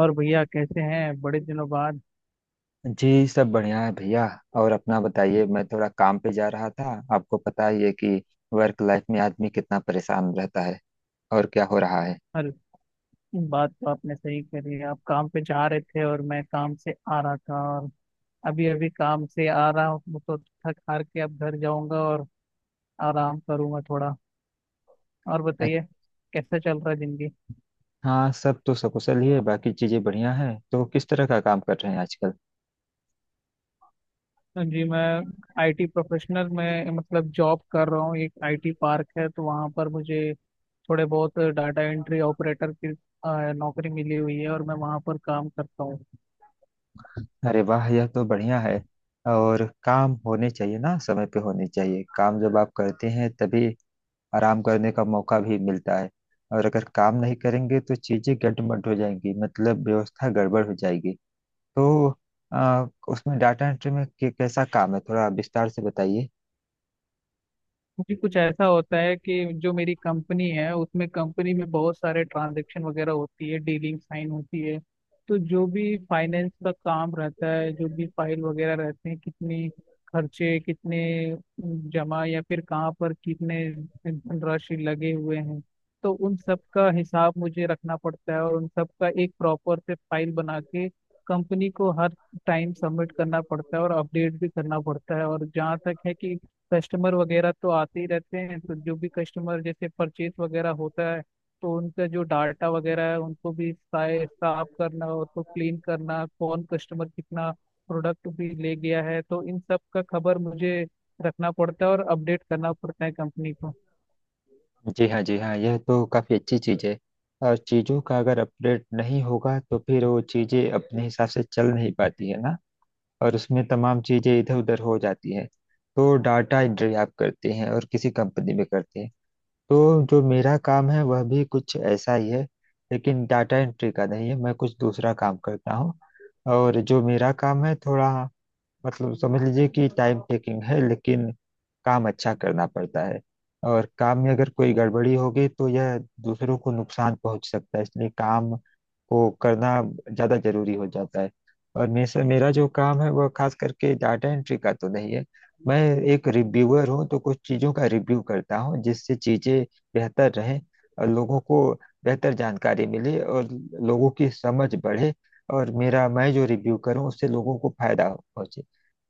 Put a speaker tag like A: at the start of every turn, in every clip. A: और भैया कैसे हैं, बड़े दिनों बाद?
B: जी सब बढ़िया है भैया। और अपना बताइए, मैं थोड़ा काम पे जा रहा था। आपको पता ही है कि वर्क लाइफ में आदमी कितना परेशान रहता है। और क्या हो रहा है?
A: हर बात तो आपने सही करी है। आप काम पे जा रहे थे और मैं काम से आ रहा था, और अभी अभी काम से आ रहा हूँ, तो थक हार के अब घर जाऊंगा और आराम करूंगा थोड़ा। और
B: अच्छ-
A: बताइए, कैसा चल रहा है जिंदगी?
B: हाँ, सब तो सकुशल ही है, बाकी चीजें बढ़िया हैं। तो किस तरह का काम कर रहे हैं आजकल?
A: जी, मैं आईटी प्रोफेशनल में मतलब जॉब कर रहा हूँ। एक आईटी पार्क है तो वहाँ पर मुझे थोड़े बहुत डाटा एंट्री ऑपरेटर की नौकरी मिली हुई है और मैं वहाँ पर काम करता हूँ।
B: अरे वाह, यह तो बढ़िया है। और काम होने चाहिए ना, समय पे होने चाहिए काम, जब आप करते हैं तभी आराम करने का मौका भी मिलता है। और अगर काम नहीं करेंगे तो चीजें गड़बड़ हो जाएंगी, मतलब व्यवस्था गड़बड़ हो जाएगी। तो उसमें डाटा एंट्री में कैसा काम है, थोड़ा विस्तार से बताइए।
A: जी, कुछ ऐसा होता है कि जो मेरी कंपनी है उसमें, कंपनी में बहुत सारे ट्रांजैक्शन वगैरह होती है, डीलिंग साइन होती है। तो जो भी फाइनेंस का काम रहता है, जो भी फाइल वगैरह रहते हैं, कितनी खर्चे, कितने जमा, या फिर कहाँ पर कितने धनराशि लगे हुए हैं, तो उन सब का हिसाब मुझे रखना पड़ता है और उन सब का एक प्रॉपर से फाइल बना के कंपनी को हर टाइम सबमिट करना पड़ता है और अपडेट भी करना पड़ता है। और जहाँ तक है कि कस्टमर वगैरह तो आते ही रहते हैं, तो जो भी कस्टमर जैसे परचेस वगैरह होता है, तो उनका जो डाटा वगैरह है उनको भी साफ करना हो तो क्लीन करना, कौन कस्टमर कितना प्रोडक्ट भी ले गया है, तो इन सब का खबर मुझे रखना पड़ता है और अपडेट करना पड़ता है कंपनी को।
B: जी हाँ, जी हाँ, यह तो काफ़ी अच्छी चीज़ है। और चीज़ों का अगर अपडेट नहीं होगा तो फिर वो चीज़ें अपने हिसाब से चल नहीं पाती है ना, और उसमें तमाम चीज़ें इधर उधर हो जाती है। तो डाटा एंट्री आप करते हैं और किसी कंपनी में करते हैं, तो जो मेरा काम है वह भी कुछ ऐसा ही है, लेकिन डाटा एंट्री का नहीं है। मैं कुछ दूसरा काम करता हूँ। और जो मेरा काम है, थोड़ा मतलब समझ लीजिए कि टाइम टेकिंग है, लेकिन काम अच्छा करना पड़ता है। और काम में अगर कोई गड़बड़ी होगी तो यह दूसरों को नुकसान पहुंच सकता है, इसलिए काम को करना ज़्यादा जरूरी हो जाता है। और मेरा मेरा जो काम है वह खास करके डाटा एंट्री का तो नहीं है। मैं एक रिव्यूअर हूँ, तो कुछ चीज़ों का रिव्यू करता हूँ, जिससे चीज़ें बेहतर रहें और लोगों को बेहतर जानकारी मिले और लोगों की समझ बढ़े, और मेरा मैं जो रिव्यू करूँ उससे लोगों को फायदा पहुंचे।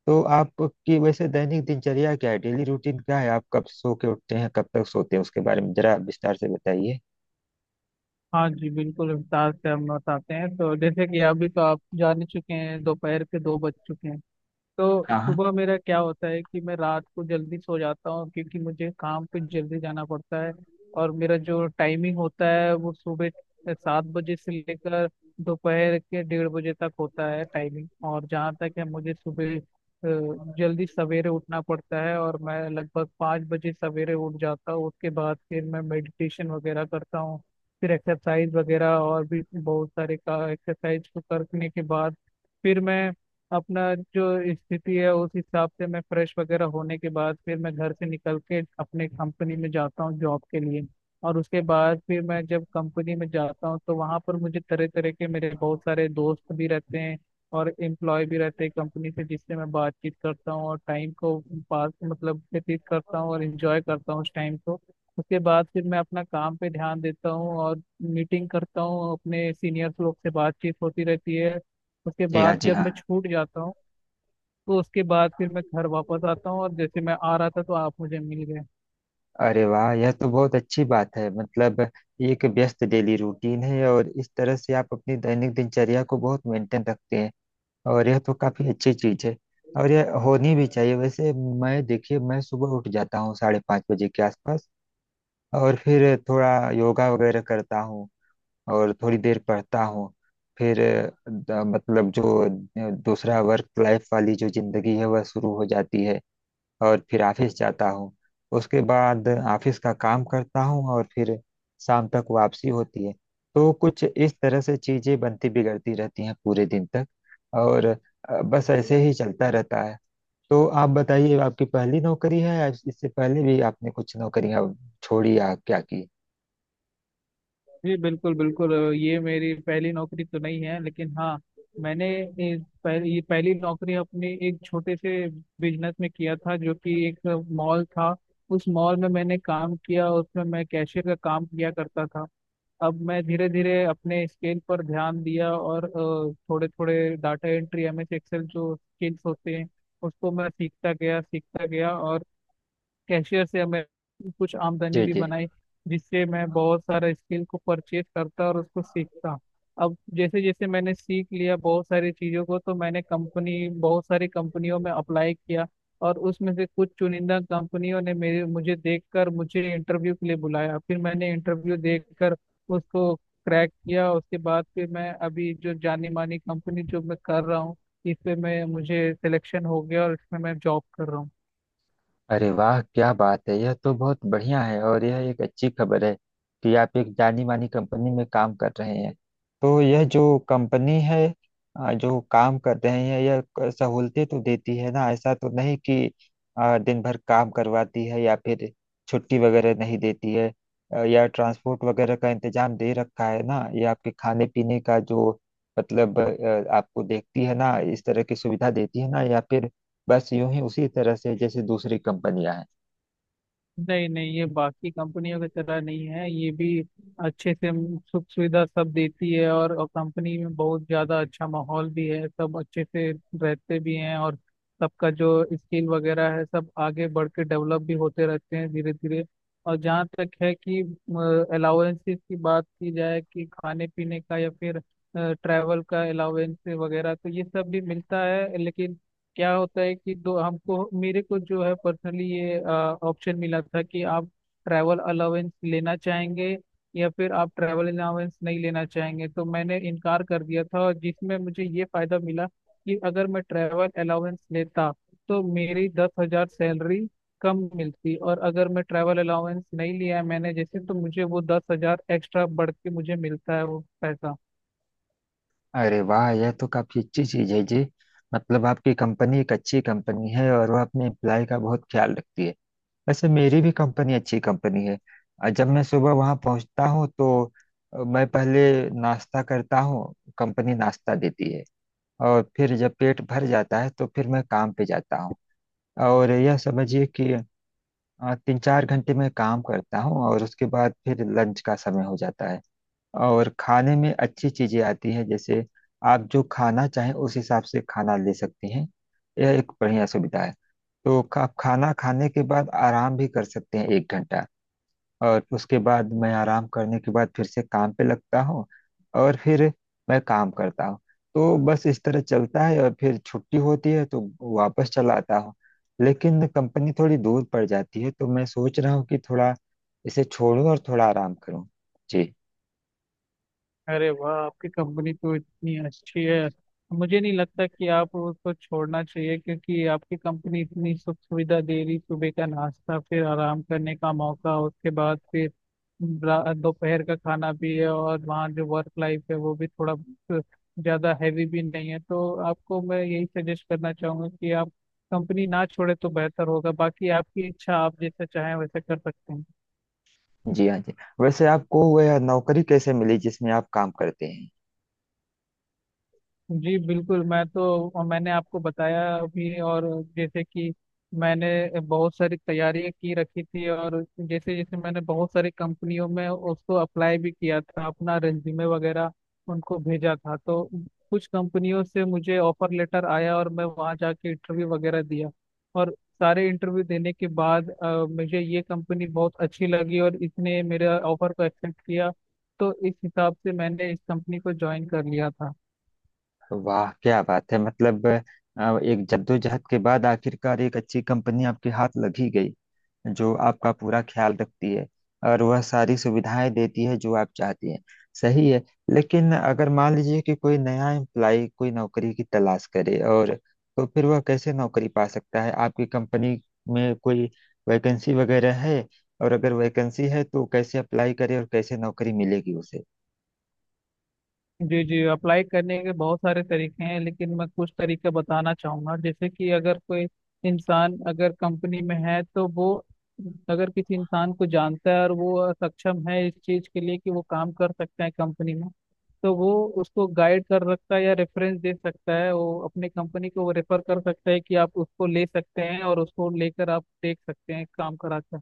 B: तो आपकी वैसे दैनिक दिनचर्या क्या है, डेली रूटीन क्या है, आप कब सो के उठते हैं, कब तक सोते हैं, उसके बारे में जरा विस्तार से बताइए।
A: हाँ जी, बिल्कुल विस्तार से हम बताते हैं। तो जैसे कि अभी तो आप जान ही चुके हैं, दोपहर के 2 बज चुके हैं। तो
B: हाँ हाँ।
A: सुबह मेरा क्या होता है कि मैं रात को जल्दी सो जाता हूँ क्योंकि मुझे काम पे जल्दी जाना पड़ता है। और मेरा जो टाइमिंग होता है वो सुबह 7 बजे से लेकर दोपहर के 1:30 बजे तक होता है टाइमिंग। और जहाँ तक है, मुझे सुबह जल्दी सवेरे उठना पड़ता है और मैं लगभग 5 बजे सवेरे उठ जाता हूँ। उसके बाद फिर मैं मेडिटेशन वगैरह करता हूँ, फिर एक्सरसाइज वगैरह, और भी बहुत सारे का एक्सरसाइज को करने के बाद फिर मैं अपना जो स्थिति है उस हिसाब से मैं फ्रेश वगैरह होने के बाद फिर मैं घर से निकल के अपने कंपनी में जाता हूँ जॉब के लिए। और उसके बाद फिर मैं जब कंपनी में जाता हूँ, तो वहाँ पर मुझे तरह तरह के, मेरे बहुत सारे दोस्त भी रहते हैं और एम्प्लॉय भी रहते हैं कंपनी से, जिससे मैं बातचीत करता हूँ और टाइम को पास मतलब व्यतीत करता हूँ और इंजॉय करता हूँ उस टाइम को। उसके बाद फिर मैं अपना काम पे ध्यान देता हूँ और मीटिंग करता हूँ, अपने सीनियर्स लोग से बातचीत होती रहती है। उसके
B: जी हाँ,
A: बाद
B: जी
A: जब
B: हाँ।
A: मैं छूट जाता हूँ तो उसके बाद फिर मैं घर वापस आता हूँ, और जैसे मैं आ रहा था तो आप मुझे मिल गए।
B: अरे वाह, यह तो बहुत अच्छी बात है। मतलब ये एक व्यस्त डेली रूटीन है और इस तरह से आप अपनी दैनिक दिनचर्या को बहुत मेंटेन रखते हैं, और यह तो काफी अच्छी चीज है, और यह होनी भी चाहिए। वैसे मैं, देखिए, मैं सुबह उठ जाता हूँ साढ़े पाँच बजे के आसपास, और फिर थोड़ा योगा वगैरह करता हूँ और थोड़ी देर पढ़ता हूँ। फिर दूसरा वर्क लाइफ वाली जो जिंदगी है वह शुरू हो जाती है, और फिर ऑफिस जाता हूँ। उसके बाद ऑफिस का काम करता हूँ, और फिर शाम तक वापसी होती है। तो कुछ इस तरह से चीजें बनती बिगड़ती रहती हैं पूरे दिन तक, और बस ऐसे ही चलता रहता है। तो आप बताइए, आपकी पहली नौकरी है या इससे पहले भी आपने कुछ नौकरियां छोड़ी या क्या की?
A: जी बिल्कुल बिल्कुल, ये मेरी पहली नौकरी तो नहीं है, लेकिन हाँ, मैंने ये पहली नौकरी अपने एक छोटे से बिजनेस में किया था, जो कि एक मॉल था। उस मॉल में मैंने काम किया, उसमें मैं कैशियर का काम किया करता था। अब मैं धीरे धीरे अपने स्केल पर ध्यान दिया, और थोड़े थोड़े data entry, M S Excel जो स्किल्स होते हैं उसको मैं सीखता गया सीखता गया, और कैशियर से हमें कुछ आमदनी
B: जी
A: भी
B: जी।
A: बनाई, जिससे मैं बहुत सारा स्किल को परचेज करता और उसको सीखता। अब जैसे जैसे मैंने सीख लिया बहुत सारी चीज़ों को, तो मैंने कंपनी बहुत सारी कंपनियों में अप्लाई किया, और उसमें से कुछ चुनिंदा कंपनियों ने मेरे मुझे देखकर मुझे इंटरव्यू के लिए बुलाया, फिर मैंने इंटरव्यू देकर उसको क्रैक किया। उसके बाद फिर मैं अभी जो जानी मानी कंपनी जो मैं कर रहा हूँ, इस पे मैं मुझे सिलेक्शन हो गया और इसमें मैं जॉब कर रहा हूँ।
B: अरे वाह, क्या बात है, यह तो बहुत बढ़िया है, और यह एक अच्छी खबर है कि आप एक जानी मानी कंपनी में काम कर रहे हैं। तो यह जो कंपनी है, जो काम कर रहे हैं, यह सहूलतें तो देती है ना? ऐसा तो नहीं कि दिन भर काम करवाती है, या फिर छुट्टी वगैरह नहीं देती है? या ट्रांसपोर्ट वगैरह का इंतजाम दे रखा है ना? ये आपके खाने पीने का जो, मतलब आपको देखती है ना, इस तरह की सुविधा देती है ना, या फिर बस यूं ही उसी तरह से जैसे दूसरी कंपनियां हैं?
A: नहीं नहीं, ये बाकी कंपनियों की तरह नहीं है, ये भी अच्छे से हम सुख सुविधा सब देती है, और कंपनी में बहुत ज्यादा अच्छा माहौल भी है, सब अच्छे से रहते भी हैं, और सबका जो स्किल वगैरह है सब आगे बढ़ के डेवलप भी होते रहते हैं धीरे धीरे। और जहाँ तक है कि अलाउंसेस की बात की जाए कि खाने पीने का या फिर ट्रैवल का अलाउंस वगैरह, तो ये सब भी मिलता है, लेकिन क्या होता है कि दो हमको मेरे को जो है पर्सनली ये ऑप्शन मिला था कि आप ट्रैवल अलाउंस लेना चाहेंगे या फिर आप ट्रैवल अलाउंस नहीं लेना चाहेंगे, तो मैंने इनकार कर दिया था, और जिसमें मुझे ये फायदा मिला कि अगर मैं ट्रैवल अलाउंस लेता तो मेरी 10,000 सैलरी कम मिलती, और अगर मैं ट्रैवल अलाउंस नहीं लिया है मैंने जैसे, तो मुझे वो 10,000 एक्स्ट्रा बढ़ के मुझे मिलता है वो पैसा।
B: अरे वाह, यह तो काफी अच्छी चीज है जी। मतलब आपकी कंपनी एक अच्छी कंपनी है और वह अपने एम्प्लॉय का बहुत ख्याल रखती है। वैसे मेरी भी कंपनी अच्छी कंपनी है, और जब मैं सुबह वहां पहुंचता हूँ तो मैं पहले नाश्ता करता हूँ, कंपनी नाश्ता देती है। और फिर जब पेट भर जाता है तो फिर मैं काम पे जाता हूँ। और यह समझिए कि तीन चार घंटे मैं काम करता हूँ और उसके बाद फिर लंच का समय हो जाता है। और खाने में अच्छी चीजें आती हैं, जैसे आप जो खाना चाहें उस हिसाब से खाना ले सकती हैं। यह एक बढ़िया सुविधा है। तो आप खाना खाने के बाद आराम भी कर सकते हैं एक घंटा, और उसके बाद मैं आराम करने के बाद फिर से काम पे लगता हूँ, और फिर मैं काम करता हूँ। तो बस इस तरह चलता है, और फिर छुट्टी होती है तो वापस चला आता हूँ। लेकिन कंपनी थोड़ी दूर पड़ जाती है, तो मैं सोच रहा हूँ कि थोड़ा इसे छोड़ूं और थोड़ा आराम करूँ। जी।
A: अरे वाह, आपकी कंपनी तो इतनी अच्छी है, मुझे नहीं लगता कि आप उसको छोड़ना चाहिए क्योंकि आपकी कंपनी इतनी सुख सुविधा दे रही, सुबह का नाश्ता, फिर आराम करने का मौका, उसके बाद फिर दोपहर का खाना भी है, और वहाँ जो वर्क लाइफ है वो भी थोड़ा बहुत ज्यादा हैवी भी नहीं है, तो आपको मैं यही सजेस्ट करना चाहूंगा कि आप कंपनी ना छोड़े तो बेहतर होगा, बाकी आपकी इच्छा, आप जैसा चाहें वैसे कर सकते हैं।
B: जी हाँ जी। वैसे आपको वह नौकरी कैसे मिली जिसमें आप काम करते हैं?
A: जी बिल्कुल, मैं तो, और मैंने आपको बताया अभी, और जैसे कि मैंने बहुत सारी तैयारियां की रखी थी, और जैसे जैसे मैंने बहुत सारी कंपनियों में उसको अप्लाई भी किया था, अपना रेज्यूमे वगैरह उनको भेजा था, तो कुछ कंपनियों से मुझे ऑफर लेटर आया और मैं वहाँ जाके इंटरव्यू वगैरह दिया, और सारे इंटरव्यू देने के बाद मुझे ये कंपनी बहुत अच्छी लगी और इसने मेरे ऑफर को एक्सेप्ट किया, तो इस हिसाब से मैंने इस कंपनी को ज्वाइन कर लिया था।
B: वाह क्या बात है, मतलब एक जद्दोजहद के बाद आखिरकार एक अच्छी कंपनी आपके हाथ लगी गई, जो आपका पूरा ख्याल रखती है और वह सारी सुविधाएं देती है जो आप चाहती हैं। सही है। लेकिन अगर मान लीजिए कि कोई नया एम्प्लाई कोई नौकरी की तलाश करे, और तो फिर वह कैसे नौकरी पा सकता है? आपकी कंपनी में कोई वैकेंसी वगैरह है? और अगर वैकेंसी है तो कैसे अप्लाई करे और कैसे नौकरी मिलेगी उसे?
A: जी जी, अप्लाई करने के बहुत सारे तरीके हैं लेकिन मैं कुछ तरीके बताना चाहूँगा। जैसे कि अगर कोई इंसान अगर कंपनी में है तो वो, अगर किसी इंसान को जानता है और वो सक्षम है इस चीज़ के लिए कि वो काम कर सकता है कंपनी में, तो वो उसको गाइड कर सकता है या रेफरेंस दे सकता है, वो अपनी कंपनी को वो रेफर कर सकता है कि आप उसको ले सकते हैं और उसको लेकर आप देख सकते हैं काम करा कर।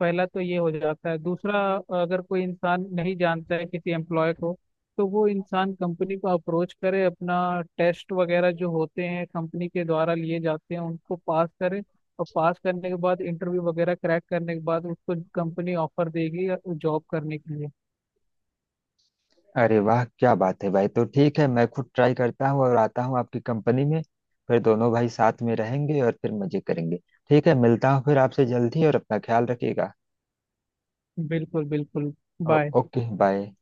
A: पहला तो ये हो जाता है। दूसरा, अगर कोई इंसान नहीं जानता है किसी एम्प्लॉय को, तो वो इंसान कंपनी को अप्रोच करे, अपना टेस्ट वगैरह जो होते हैं कंपनी के द्वारा लिए जाते हैं उनको पास करे, और पास करने के बाद इंटरव्यू वगैरह क्रैक करने के बाद उसको कंपनी ऑफर देगी जॉब करने के लिए।
B: अरे वाह क्या बात है भाई। तो ठीक है, मैं खुद ट्राई करता हूँ और आता हूँ आपकी कंपनी में। फिर दोनों भाई साथ में रहेंगे और फिर मजे करेंगे। ठीक है, मिलता हूँ फिर आपसे जल्द ही, और अपना ख्याल रखिएगा।
A: बिल्कुल बिल्कुल। बाय।
B: Okay, bye.